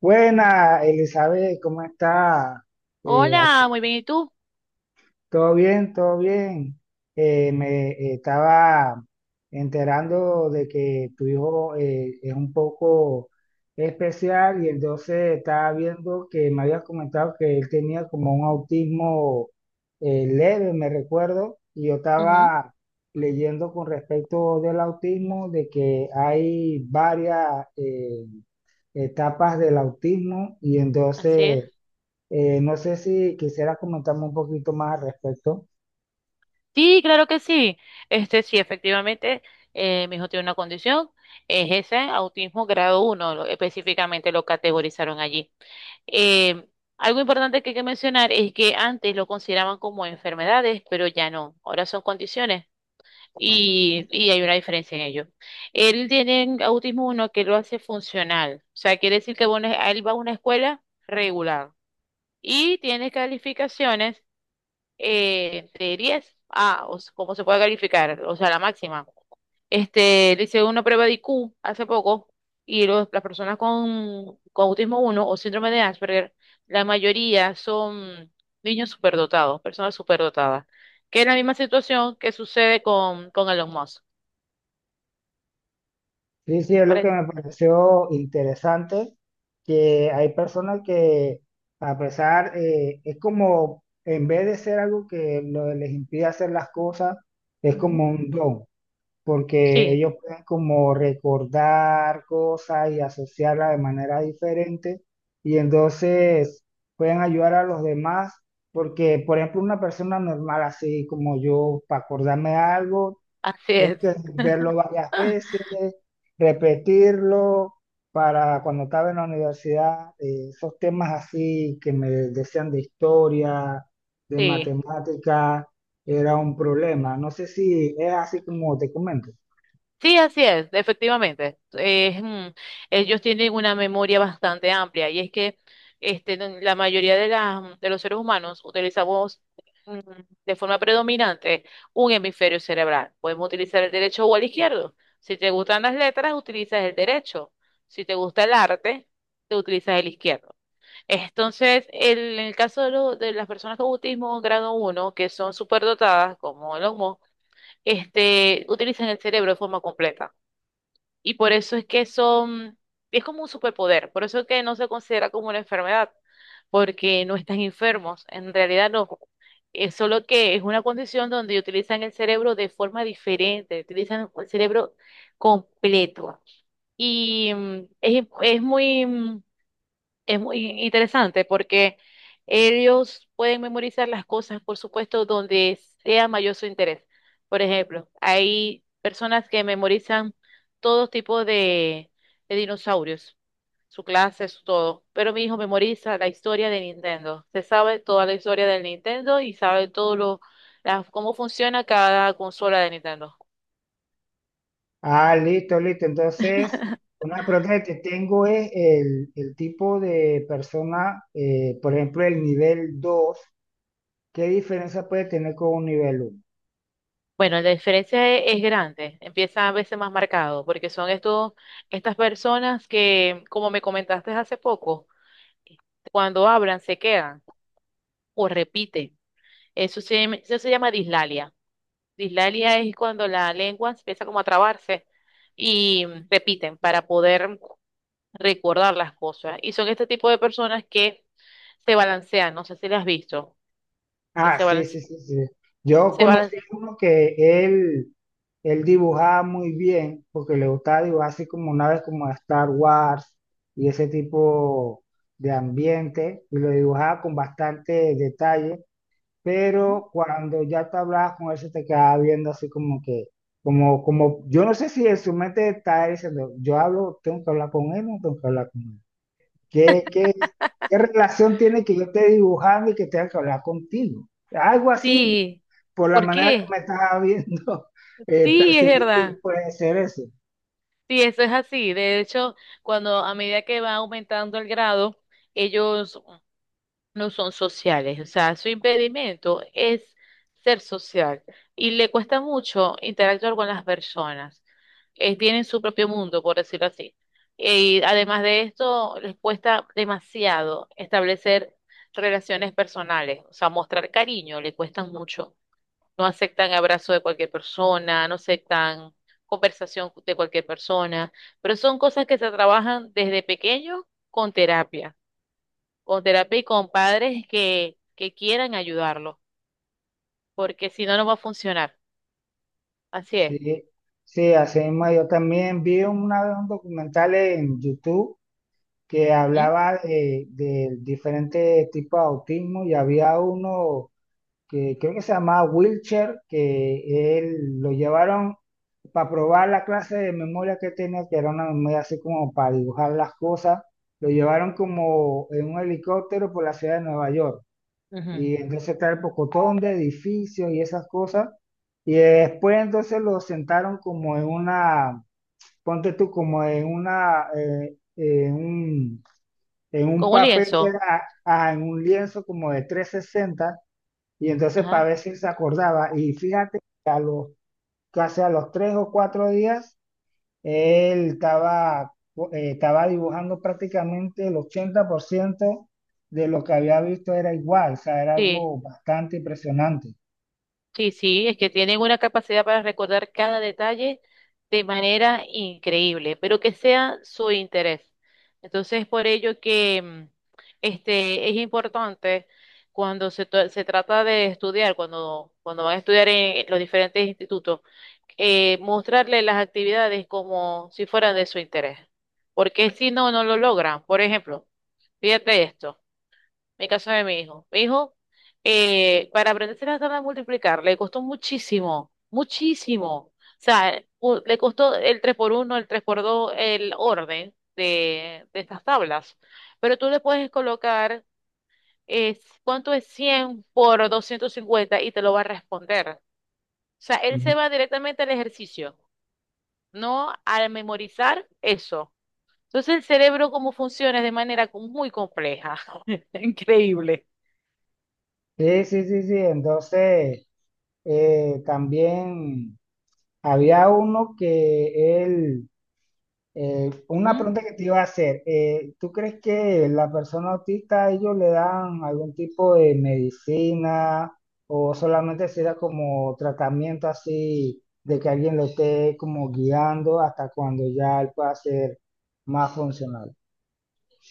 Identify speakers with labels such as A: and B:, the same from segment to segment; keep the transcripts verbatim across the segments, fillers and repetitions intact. A: Buena, Elizabeth, ¿cómo está? Eh,
B: Hola,
A: aquí-
B: muy bien, ¿y tú?
A: todo bien, todo bien. Eh, me eh, estaba enterando de que tu hijo eh, es un poco especial, y entonces estaba viendo que me habías comentado que él tenía como un autismo eh, leve, me recuerdo, y yo
B: Ujú.
A: estaba leyendo con respecto del autismo, de que hay varias... eh, etapas del autismo. Y
B: Así es.
A: entonces eh, no sé si quisiera comentarme un poquito más al respecto.
B: Sí, claro que sí. Este sí, efectivamente, eh, mi hijo tiene una condición, es ese autismo grado uno, lo- específicamente lo categorizaron allí. Eh, Algo importante que hay que mencionar es que antes lo consideraban como enfermedades, pero ya no, ahora son condiciones y, y hay una diferencia en ello. Él tiene autismo uno que lo hace funcional, o sea, quiere decir que bueno, él va a una escuela regular y tiene calificaciones eh, de diez. Ah, o sea, ¿cómo se puede calificar? O sea, la máxima. Este, le hice una prueba de I Q hace poco y los- las personas con, con autismo uno o síndrome de Asperger, la mayoría son niños superdotados, personas superdotadas, que es la misma situación que sucede con, con Elon Musk.
A: Sí, sí, es lo que
B: ¿Parece?
A: me pareció interesante, que hay personas que a pesar, eh, es como, en vez de ser algo que lo- les impide hacer las cosas, es
B: Ujú.
A: como un don. Porque
B: Sí,
A: ellos pueden como recordar cosas y asociarlas de manera diferente, y entonces pueden ayudar a los demás, porque por ejemplo una persona normal así como yo, para acordarme de algo,
B: así
A: tengo
B: es.
A: que verlo varias veces, repetirlo. Para cuando estaba en la universidad, eh, esos temas así que me decían de historia, de
B: Sí.
A: matemática, era un problema. No sé si es así como te comento.
B: Sí, así es, efectivamente. Es, mm, ellos tienen una memoria bastante amplia y es que este, no- la mayoría de, las- mm, de los seres humanos utilizamos mm, de forma predominante un hemisferio cerebral. Podemos utilizar el derecho o el izquierdo. Si te gustan las letras, utilizas el derecho. Si te gusta el arte, te utilizas el izquierdo. Entonces, el- en el caso de, lo- de las personas con autismo grado uno, que son superdotadas, como el Musk, este, utilizan el cerebro de forma completa. Y por eso es que son, es como un superpoder, por eso es que no se considera como una enfermedad, porque no están enfermos, en realidad no. Es solo que es una condición donde utilizan el cerebro de forma diferente, utilizan el cerebro completo. Y mm, es, es muy, mm, es muy interesante porque ellos pueden memorizar las cosas, por supuesto, donde sea mayor su interés. Por ejemplo, hay personas que memorizan todo tipo de, de dinosaurios, su clase, su todo. Pero mi hijo memoriza la historia de Nintendo. Se sabe toda la historia del Nintendo y sabe todo lo, la- cómo funciona cada consola de Nintendo.
A: Ah, listo, listo. Entonces, una pregunta que te tengo es el, el tipo de persona, eh, por ejemplo, el nivel dos, ¿qué diferencia puede tener con un nivel uno?
B: Bueno, la diferencia e- es grande, empieza a veces más marcado, porque son estos, estas personas que, como me comentaste hace poco, cuando hablan se quedan o repiten. Eso se, llama- eso se llama dislalia. Dislalia es cuando la lengua empieza como a trabarse y repiten para poder recordar las cosas. Y son este tipo de personas que se balancean, no sé si las has visto, que
A: Ah,
B: se
A: sí, sí,
B: balancean,
A: sí, sí. Yo
B: se
A: conocí
B: balan-
A: uno que él, él dibujaba muy bien, porque le gustaba dibujar así como naves como de Star Wars y ese tipo de ambiente, y lo dibujaba con bastante detalle.
B: ¿Mm?
A: Pero cuando ya te hablabas con él, se te quedaba viendo así como que, como, como, yo no sé si en su mente está diciendo, yo hablo, tengo que hablar con él, no tengo que hablar con él. ¿Qué, qué, ¿qué relación tiene que yo esté dibujando y que tenga que hablar contigo? Algo así,
B: Sí,
A: por la
B: ¿por
A: manera que
B: qué?
A: me estás viendo, eh,
B: Sí, es
A: percibí que
B: verdad.
A: puede ser eso.
B: Sí, eso es así. De hecho, cuando a medida que va aumentando el grado, ellos no son sociales. O sea, su impedimento es ser social y le cuesta mucho interactuar con las personas. Eh, tienen su propio mundo, por decirlo así. Y además de esto, les cuesta demasiado establecer relaciones personales. O sea, mostrar cariño, le cuesta mucho no aceptan abrazo de cualquier persona, no aceptan conversación de cualquier persona, pero son cosas que se trabajan desde pequeños con terapia, con terapia y con padres que, que quieran ayudarlos, porque si no, no va a funcionar. Así es.
A: Sí, sí, así mismo yo también vi una vez un documental en YouTube que
B: ¿Mm?
A: hablaba eh, de diferentes tipos de autismo, y había uno que creo que se llamaba Wilcher, que él lo llevaron para probar la clase de memoria que tenía, que era una memoria así como para dibujar las cosas. Lo llevaron como en un helicóptero por la ciudad de Nueva York.
B: Ujú.
A: Y entonces está el pocotón de edificios y esas cosas. Y después entonces lo sentaron como en una, ponte tú, como en una, eh, eh, un, en un
B: Con un
A: papel que
B: lienzo.
A: era ah, en un lienzo como de trescientos sesenta, y entonces para
B: Ajá.
A: ver si se acordaba. Y fíjate que a los, casi a los tres o cuatro días él estaba, eh, estaba dibujando prácticamente el ochenta por ciento de lo que había visto era igual, o sea, era
B: Sí.
A: algo bastante impresionante.
B: Sí, sí, es que tienen una capacidad para recordar cada detalle de manera increíble, pero que sea su interés. Entonces, por ello que mm, este es importante cuando se, to- se trata de estudiar, cuando, cuando van a estudiar en, en los diferentes institutos, eh, mostrarle las actividades como si fueran de su interés, porque si no, no lo logran. Por ejemplo, fíjate esto. Mi caso de mi hijo. Mi hijo, eh, para aprenderse la tabla de multiplicar, le costó muchísimo, muchísimo. O sea, u- le costó el tres por uno, el tres por dos, el orden de, de estas tablas. Pero tú le puedes colocar eh, cuánto es cien por doscientos cincuenta y te lo va a responder. O sea, él
A: Ujú.
B: se va directamente al ejercicio, no al memorizar eso. Entonces el cerebro, cómo funciona, es de manera co- muy compleja. Increíble.
A: Sí, sí, sí, sí. Entonces, eh, también había uno que él Eh, una
B: Ujú.
A: pregunta que te iba a hacer, eh, ¿tú crees que la persona autista, ellos le dan algún tipo de medicina, o solamente se da como tratamiento así de que alguien lo esté como guiando hasta cuando ya él pueda ser más funcional?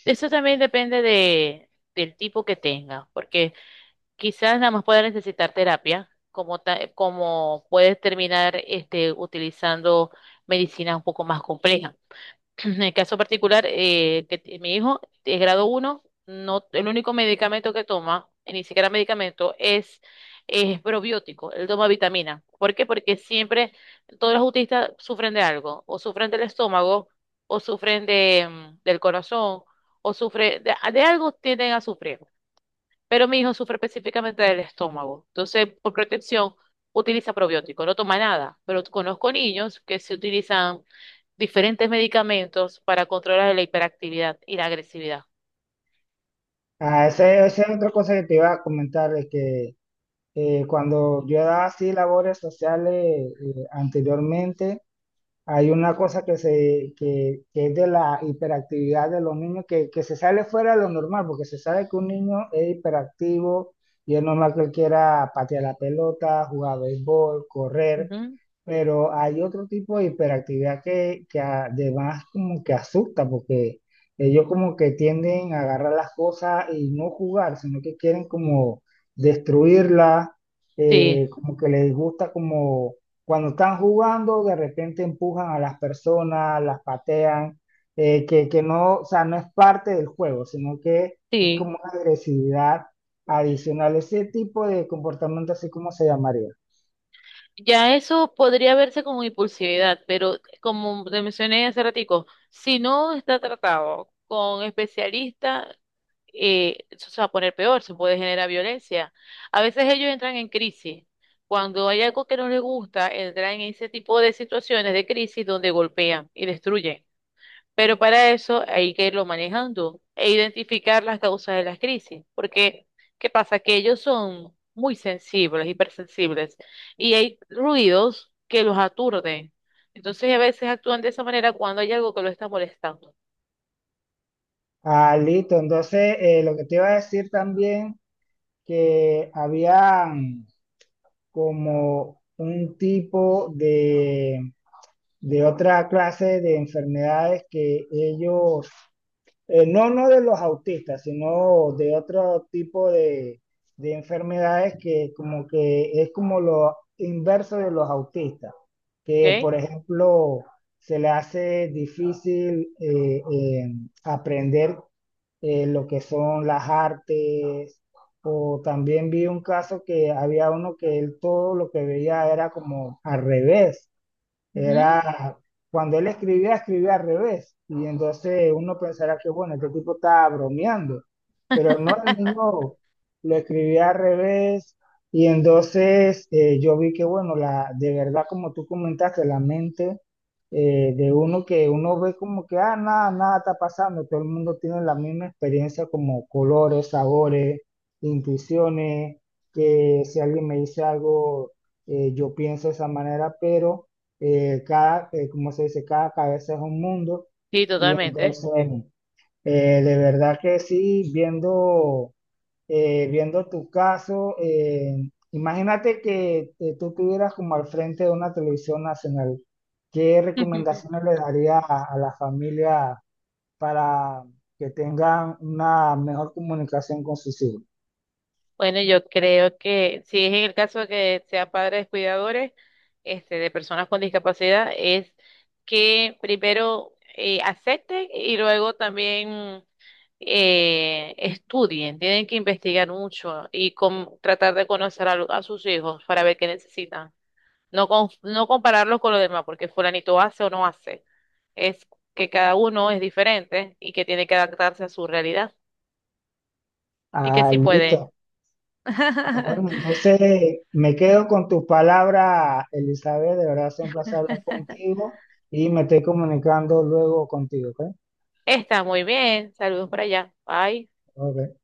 B: Eso también depende de, del tipo que tengas, porque quizás nada más pueda necesitar terapia, como, ta- como puedes terminar este, utilizando medicinas un poco más complejas. En el caso particular, eh, que t- mi hijo es grado uno no, el único medicamento que toma, y ni siquiera medicamento, es, es probiótico. Él toma vitamina. ¿Por qué? Porque siempre todos los autistas sufren de algo, o sufren del estómago, o sufren de, mm, del corazón, o sufren de, de algo tienden a sufrir. Pero mi hijo sufre específicamente del estómago. Entonces, por protección, utiliza probiótico. No toma nada, pero conozco niños que se utilizan diferentes medicamentos para controlar la hiperactividad y la agresividad.
A: Ah,
B: Mm.
A: esa, esa es otra cosa que te iba a comentar, de que eh, cuando yo daba así labores sociales eh, anteriormente, hay una cosa que, se, que, que es de la hiperactividad de los niños que, que se sale fuera de lo normal, porque se sabe que un niño es hiperactivo y es normal que él quiera patear la pelota, jugar béisbol, correr,
B: Ujú.
A: pero hay otro tipo de hiperactividad que, que además como que asusta, porque ellos como que tienden a agarrar las cosas y no jugar, sino que quieren como destruirlas. Eh,
B: Sí,
A: como que les gusta como cuando están jugando, de repente empujan a las personas, las patean, eh, que, que no, o sea, no es parte del juego, sino que es como
B: sí.
A: una agresividad adicional. Ese tipo de comportamiento, así, como se llamaría?
B: Ya eso podría verse como impulsividad, pero como te mencioné hace ratico, si no está tratado con especialistas, eh, eso se va a poner peor, se puede generar violencia. A veces ellos entran en crisis. Cuando hay algo que no les gusta, entran en ese tipo de situaciones de crisis donde golpean y destruyen. Pero para eso hay que irlo manejando e identificar las causas de las crisis. Porque, ¿qué pasa? Que ellos son muy sensibles, hipersensibles, y hay ruidos que los aturden. Entonces, a veces actúan de esa manera cuando hay algo que lo está molestando.
A: Ah, listo. Entonces, eh, lo que te iba a decir también, que había como un tipo de, de otra clase de enfermedades que ellos Eh, no, no de los autistas, sino de otro tipo de, de enfermedades que como que es como lo inverso de los autistas,
B: ¿Ok?
A: que por ejemplo se le hace difícil eh, eh, aprender eh, lo que son las artes. O también vi un caso que había uno que él todo lo que veía era como al revés,
B: Ujú.
A: era cuando él escribía, escribía al revés. Y entonces uno pensará que, bueno, este tipo estaba bromeando. Pero no, el niño lo escribía al revés. Y entonces eh, yo vi que, bueno, la, de verdad, como tú comentaste, la mente eh, de uno que uno ve como que, ah, nada, nada está pasando. Todo el mundo tiene la misma experiencia como colores, sabores, intuiciones, que si alguien me dice algo, eh, yo pienso de esa manera. Pero eh, cada, eh, como se dice, cada cabeza es un mundo.
B: Sí,
A: Y
B: totalmente.
A: entonces, eh, de verdad que sí, viendo, eh, viendo tu caso, eh, imagínate que eh, tú estuvieras como al frente de una televisión nacional. ¿Qué recomendaciones le darías a, a la familia para que tengan una mejor comunicación con sus hijos?
B: Bueno, yo creo que si es en el caso de que sean padres cuidadores, este, de personas con discapacidad, es que primero eh, acepten y luego también eh, estudien. Tienen que investigar mucho y con- tratar de conocer a, lo- a sus hijos para ver qué necesitan. No, con- no compararlos con los demás, porque fulanito hace o no hace. Es que cada uno es diferente y que tiene que adaptarse a su realidad y que
A: Ah,
B: sí puede.
A: listo. Ah, bueno, entonces me quedo con tus palabras, Elizabeth. De verdad, es un placer hablar contigo, y me estoy comunicando luego contigo, ¿ok?
B: Está muy bien. Saludos por allá. Bye.
A: Ok.